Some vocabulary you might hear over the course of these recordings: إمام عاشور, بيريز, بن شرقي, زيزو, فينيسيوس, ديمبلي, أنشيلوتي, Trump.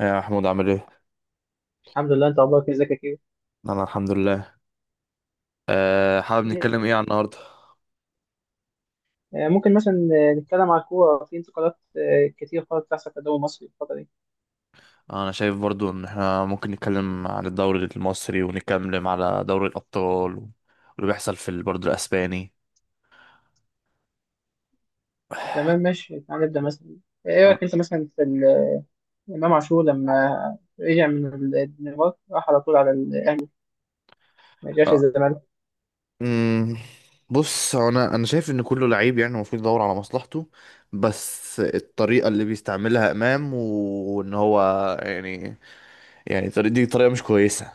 يا محمود عامل ايه؟ الحمد لله، انت اخبارك إيه؟ ازيك يا كيرو. انا الحمد لله. حابب نتكلم آه، ايه عن النهارده؟ ممكن مثلا نتكلم على الكوره في انتقالات كتير خالص بتحصل في الدوري المصري الفتره دي. انا شايف برضو ان احنا ممكن نتكلم عن الدوري المصري ونتكلم على دوري الابطال، واللي بيحصل في برضو الاسباني. تمام ماشي، تعال نبدا مثلا. ايه آه. رايك انت مثلا في امام عاشور لما رجع من الدنمارك، راح على طول على الاهلي، ما رجعش آه. الزمالك. أمم، بص، هو انا شايف ان كله لعيب، يعني المفروض يدور على مصلحته، بس الطريقه اللي بيستعملها امام، وان هو يعني دي طريقه مش كويسه.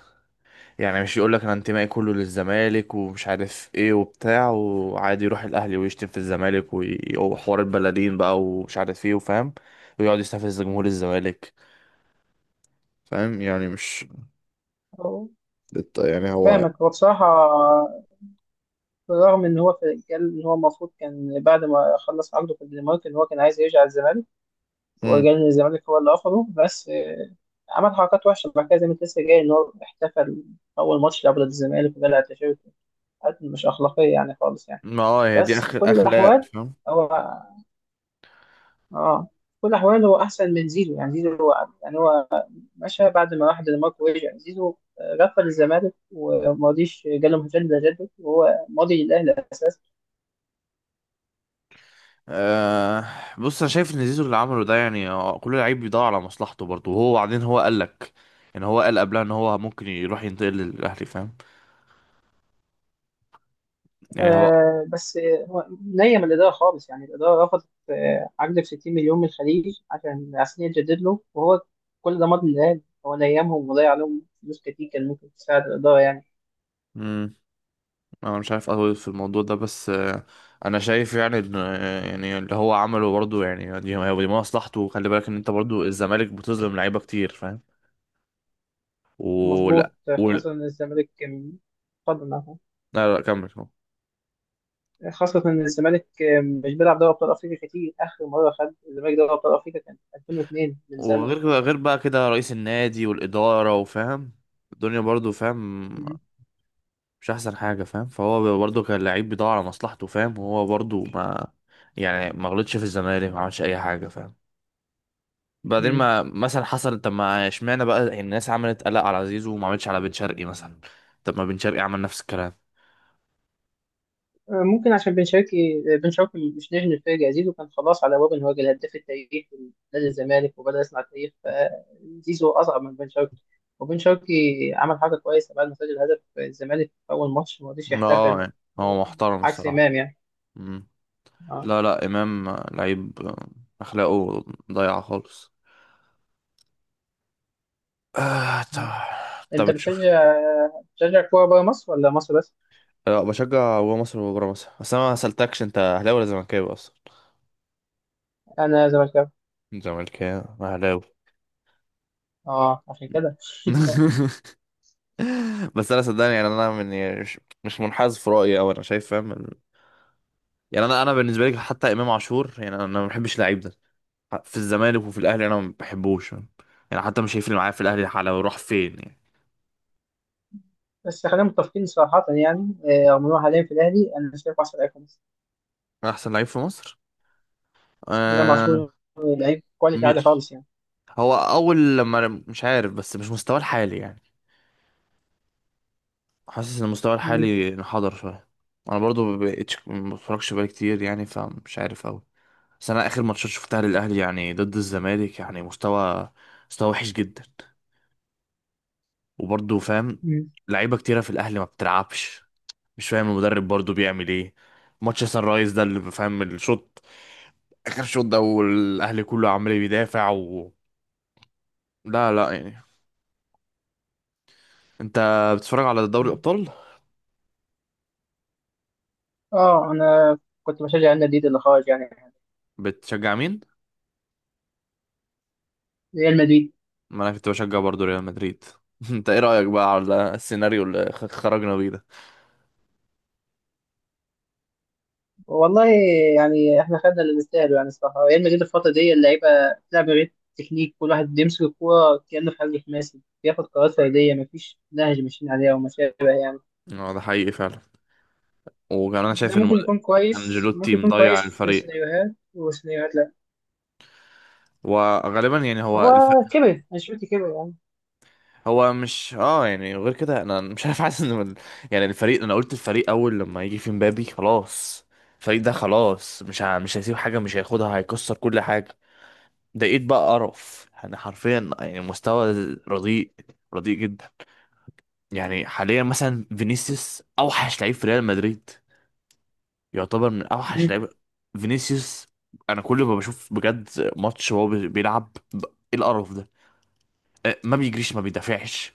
يعني مش يقول لك انا انتمائي كله للزمالك ومش عارف ايه وبتاع، وعادي يروح الاهلي ويشتم في الزمالك وحوار البلدين بقى ومش عارف ايه وفاهم، ويقعد يستفز جمهور الزمالك، فاهم؟ يعني مش هو- الت- يعني هو فاهمك. هو بصراحه بالرغم ان هو قال ان هو المفروض كان بعد ما خلص عقده في الدنمارك ان هو كان عايز يرجع الزمالك، مم. وجاي الزمالك هو اللي رفضه. بس عمل حركات وحشة بعد كده، زي ما انت لسه جاي، إن هو احتفل أول ماتش لعبه ضد الزمالك وقلع تيشيرت. حاجات مش أخلاقية يعني خالص يعني. ما هي دي بس في اخر كل اخلاق، الأحوال فاهم؟ هو في كل الأحوال هو أحسن من زيزو. يعني زيزو هو مشى بعد ما راح دنمارك، ورجع زيزو غفل الزمالك وما رضيش جاله مجدد، ده جدد وهو ماضي للأهلي أساسا. آه. بص، انا شايف ان زيزو اللي عمله ده، يعني كل لعيب بيدور على مصلحته برضه، وهو بعدين هو قال لك، يعني هو قال قبلها ان هو ممكن يروح ينتقل للاهلي، فاهم؟ يعني بس هو نيم الإدارة خالص، يعني الإدارة رفضت عقد ب 60 مليون من الخليج عشان يتجدد له، وهو كل ده ماضي للهلال. هو نيمهم وضيع عليهم فلوس كتير كان ممكن تساعد الإدارة يعني. هو انا مش عارف اطول في الموضوع ده، بس انا شايف يعني يعني اللي هو عمله برضه، يعني دي هو دي مصلحته. وخلي بالك ان انت برضه الزمالك بتظلم لعيبه كتير، فاهم؟ ولا مظبوط ولا خاصة إن الزمالك اتفضل أهو. لا لا، كمل كمل. خاصة إن الزمالك مش بيلعب دوري أبطال أفريقيا كتير، آخر مرة خد الزمالك دوري أبطال أفريقيا كان 2002، من زمن. غير بقى كده رئيس النادي والاداره وفاهم الدنيا برضه، فاهم؟ مش احسن حاجه، فاهم؟ فهو برضه كان لعيب بيدور على مصلحته، فاهم؟ وهو برضه ما يعني ما غلطش في الزمالك، ما عملش اي حاجه، فاهم؟ بعدين مم. ما مثلا حصل، طب ما اشمعنى بقى يعني الناس عملت قلق على زيزو وما عملتش على بن شرقي مثلا؟ طب ما بن شرقي عمل نفس الكلام. ممكن عشان بن شرقي، بن شرقي مش نجم الفرقة. زيزو كان خلاص على باب ان هو يجي الهداف التاريخي لنادي الزمالك وبدأ يصنع تاريخ، فزيزو أصعب من بن شرقي. وبن شرقي عمل حاجة كويسة بعد ما سجل هدف الزمالك في أول ماتش ما رضيش اه يحتفل، يعني هو محترم عكس الصراحة. إمام يعني. مم. اه. لا لا، إمام لعيب، أخلاقه ضايعة خالص. آه، طب، أنت تشوف. بتشجع كورة بره مصر ولا مصر بس؟ لا، بشجع جوه مصر وبره مصر، بس أنا ما سألتكش، أنت أهلاوي ولا زملكاوي أصلا؟ أنا زملكاوي. زملكاوي أهلاوي. اه عشان كده. بس أنا صدقني يعني، أنا من يعني مش منحاز في رأيي أو أنا شايف، فاهم؟ يعني انا بالنسبه لي، حتى امام عاشور، يعني انا ما بحبش اللعيب ده، في الزمالك وفي الاهلي انا ما بحبوش. يعني حتى مش هيفرق معايا في الاهلي على راح فين يعني. بس خلينا متفقين صراحة، يعني رغم إن هو حاليا في الأهلي أنا شايفه أحسن لاعب في مصر. احسن لعيب في مصر؟ إمام آه. عاشور لعيب كواليتي عالي مش، خالص يعني. هو اول لما مش عارف، بس مش مستواه الحالي يعني. حاسس ان مستواه مم. الحالي انحدر شويه. انا برضو ما بقتش ما بتفرجش بقالي كتير يعني، فمش عارف قوي. بس انا اخر ماتشات شفتها للاهلي يعني ضد الزمالك، يعني مستوى وحش جدا. وبرضو فاهم، مم. لعيبه كتيره في الاهلي ما بتلعبش. مش فاهم المدرب برضو بيعمل ايه. ماتش سان رايز ده اللي فاهم الشوط، اخر شوط ده، والاهلي كله عمال بيدافع و... لا لا، يعني انت بتتفرج على دوري مم. الابطال، اه، انا كنت بشجع ريال مدريد اللي خرج يعني. بتشجع مين؟ ريال مدريد. ما انا كنت بشجع برضو ريال مدريد. انت ايه رايك بقى على السيناريو اللي خرجنا بيه ده؟ والله، يعني احنا خدنا اللي نستاهله يعني الصراحه. ريال مدريد الفتره دي اللعيبه بتلعب غير تكنيك، كل واحد بيمسك الكوره كانه في حجم خماسي، بياخد قرارات فرديه، مفيش نهج ماشيين عليها وما شابه يعني. اه، ده حقيقي فعلا. وكمان انا ده شايف ان ممكن يكون كويس، انجيلوتي ممكن يكون مضيع كويس في الفريق، سيناريوهات، وسيناريوهات لا. وغالبا يعني هو هو كبر، انشيلوتي كبر يعني. هو مش يعني، غير كده انا مش عارف، حاسس ان يعني الفريق، انا قلت الفريق اول لما يجي في مبابي خلاص، الفريق ده خلاص مش مش هيسيب حاجه، مش هياخدها هيكسر كل حاجه. لقيت بقى قرف يعني، حرفيا يعني، مستوى رديء، رديء جدا. يعني حاليا مثلا فينيسيوس اوحش لعيب في ريال مدريد، يعتبر من اوحش لعيب، فينيسيوس. انا كل ما بشوف بجد ماتش وهو بيلعب ايه القرف ده، ما بيجريش، ما بيدافعش،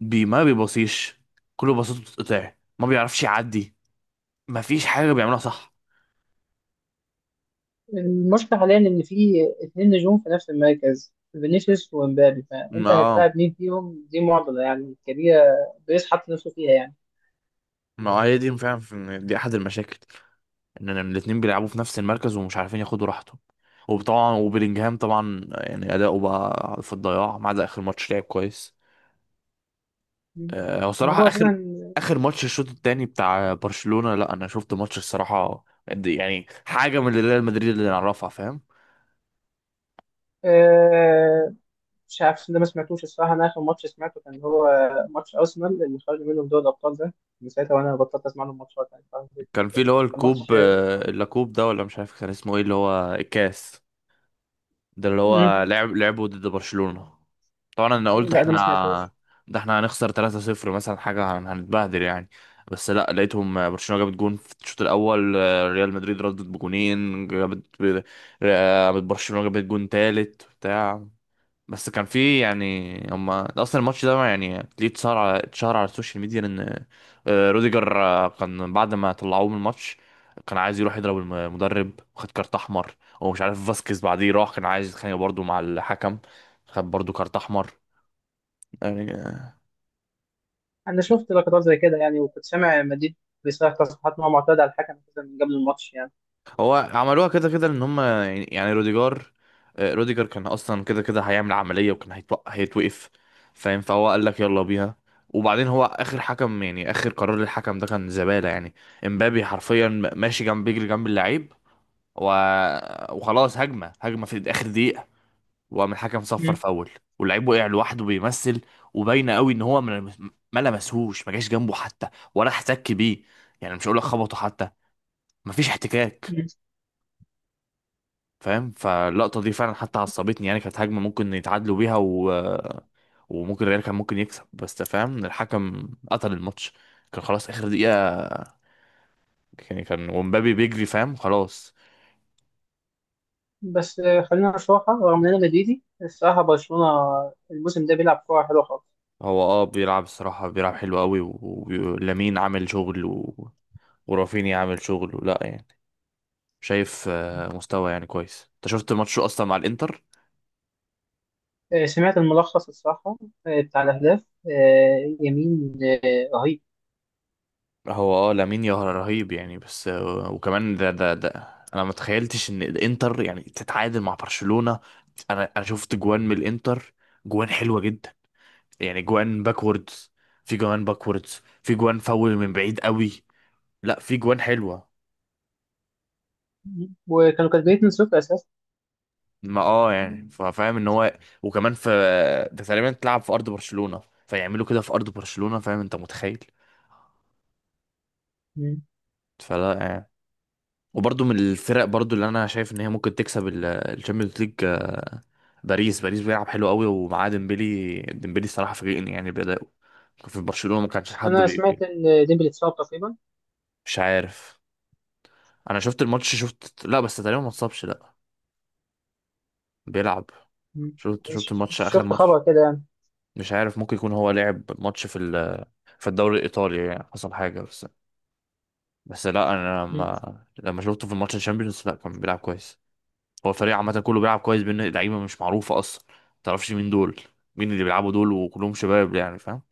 ما بيبصيش، كل بساطته بتتقطع، ما بيعرفش يعدي، ما فيش حاجة بيعملها صح. المشكلة حاليا إن في اتنين نجوم في نفس المركز، فينيسيوس ومبابي، ما فأنت آه، هتلاعب مين فيهم؟ دي معضلة يعني كبيرة، بيريز حط نفسه فيها يعني. ما هي دي فعلا، دي احد المشاكل، ان إن الاتنين بيلعبوا في نفس المركز ومش عارفين ياخدوا راحتهم. وطبعا، وبيلينجهام طبعا يعني اداؤه بقى في الضياع، ما عدا اخر ماتش لعب كويس. هو ما صراحة هو أساسا اخر ماتش الشوط التاني بتاع برشلونة، لا انا شفت ماتش الصراحة يعني حاجة من اللي ريال مدريد اللي نعرفها، فاهم؟ آه، مش عارف، ده ما سمعتوش الصراحة. أنا آخر ماتش سمعته كان هو ماتش أرسنال اللي خرجوا منه في دوري الأبطال ده، من ساعتها وأنا بطلت أسمع لهم ماتشات يعني، فاهم؟ كان في اللي كان هو الكوب، ماتش. اللاكوب ده ولا مش عارف كان اسمه ايه، اللي هو الكاس، ده اللي مم. هو لعب لعبه ضد برشلونة. طبعا انا قلت لا ده احنا، ما سمعتوش. ده احنا هنخسر 3-0 مثلا حاجة، هنتبهدل يعني، بس لا لقيتهم برشلونة جابت جون في الشوط الاول، ريال مدريد ردت بجونين، جابت برشلونة جابت جون تالت بتاع. بس كان في يعني، هما اصلا الماتش ده يعني ليه اتشهر على السوشيال ميديا ان روديجر، كان بعد ما طلعوه من الماتش كان عايز يروح يضرب المدرب وخد كارت احمر. ومش عارف فاسكيز بعديه راح كان عايز يتخانق برضه مع الحكم، خد برضه كارت احمر يعني. أنا شفت لقطات زي كده يعني، وكنت سامع مديد بيصرح تصريحات إن هو معترض على الحكم أساساً من قبل الماتش يعني. هو عملوها كده كده ان هم يعني، يعني روديجار آه، روديجر كان اصلا كده كده هيعمل عملية، وكان هيتوقف، فاهم؟ فهو قال لك يلا بيها. وبعدين هو اخر حكم، يعني اخر قرار للحكم ده كان زبالة يعني. امبابي حرفيا ماشي جنب بيجري جنب اللعيب و... وخلاص هجمة، هجمة في اخر دقيقة، وقام الحكم صفر فاول، واللعيب وقع لوحده بيمثل، وباينه قوي ان هو ما لمسهوش، ما جاش جنبه حتى، ولا احتك بيه، يعني مش هقول لك خبطه حتى، مفيش احتكاك، مم. فاهم؟ فاللقطة دي فعلا حتى عصبتني يعني، كانت هجمة ممكن يتعادلوا بيها و... وممكن الريال كان ممكن يكسب، بس أنت فاهم الحكم قتل الماتش، كان خلاص آخر دقيقة يعني، كان ومبابي بيجري فاهم، خلاص. بس خلينا نشوفها، رغم ان انا مدريدي الصراحه برشلونه الموسم ده بيلعب كوره حلوه خالص. هو اه بيلعب الصراحة، بيلعب حلو قوي، ولامين عامل شغل و... ورافينيا عامل شغل ولا يعني، شايف مستوى يعني كويس. انت شفت ماتشه اصلا مع الانتر؟ سمعت الملخص الصراحه بتاع الاهداف، يمين رهيب. هو اه لامين يا رهيب يعني، بس وكمان ده انا ما تخيلتش ان الانتر يعني تتعادل مع برشلونة. انا شفت جوان من الانتر، جوان حلوة جدا، يعني جوان باكوردز، في جوان باكوردز، في جوان فاول من بعيد قوي. لا في جوان حلوة. وكانوا كاتبين 2-0 اساسا. ما يعني فاهم ان هو، وكمان في ده، تقريبا تلعب في ارض برشلونة، فيعملوا كده في ارض برشلونة، فاهم انت متخيل؟ مم. فلا يعني. وبرضه من الفرق برضه اللي انا شايف ان هي ممكن تكسب الشامبيونز ليج، باريس بيلعب حلو قوي، ومعاه ديمبلي، الصراحه فاجئني يعني بأدائه. كان في برشلونه ما كانش بس حد انا سمعت ان ديمبلي اتصاب تقريبا. مش عارف. انا شفت الماتش، شفت لا، بس تقريبا ما اتصابش، لا، بيلعب. مم. شفت الماتش، اخر شفت ماتش. خبر كده يعني. مش عارف، ممكن يكون هو لعب ماتش في في الدوري الايطالي يعني، حصل حاجه، بس بس لا انا مم. لما شفته في الماتش الشامبيونز، لا كان بيلعب كويس. هو الفريق عامه كله بيلعب كويس، بين لعيبه مش معروفه اصلا، ما تعرفش مين دول، مين اللي بيلعبوا دول، وكلهم شباب يعني، فاهم؟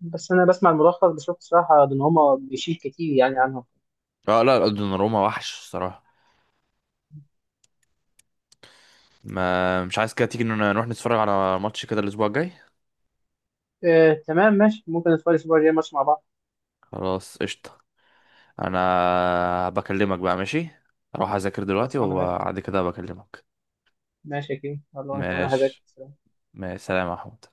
بس انا بسمع الملخص، بشوف الصراحه ان هما بيشيل كتير يعني عنهم. اه لا لا، دوناروما وحش الصراحه. ما مش عايز كده تيجي إن نروح نتفرج على ماتش كده الاسبوع الجاي؟ تمام ماشي، ممكن نتفرج الاسبوع الجاي ماتش مع بعض. خلاص، قشطة. انا بكلمك بقى، ماشي؟ اروح اذاكر دلوقتي خلصانه ماشي، وبعد كده بكلمك. ماشي يا كريم. يلا انا كمان هذاك. ماشي، ماشي، سلام يا احمد.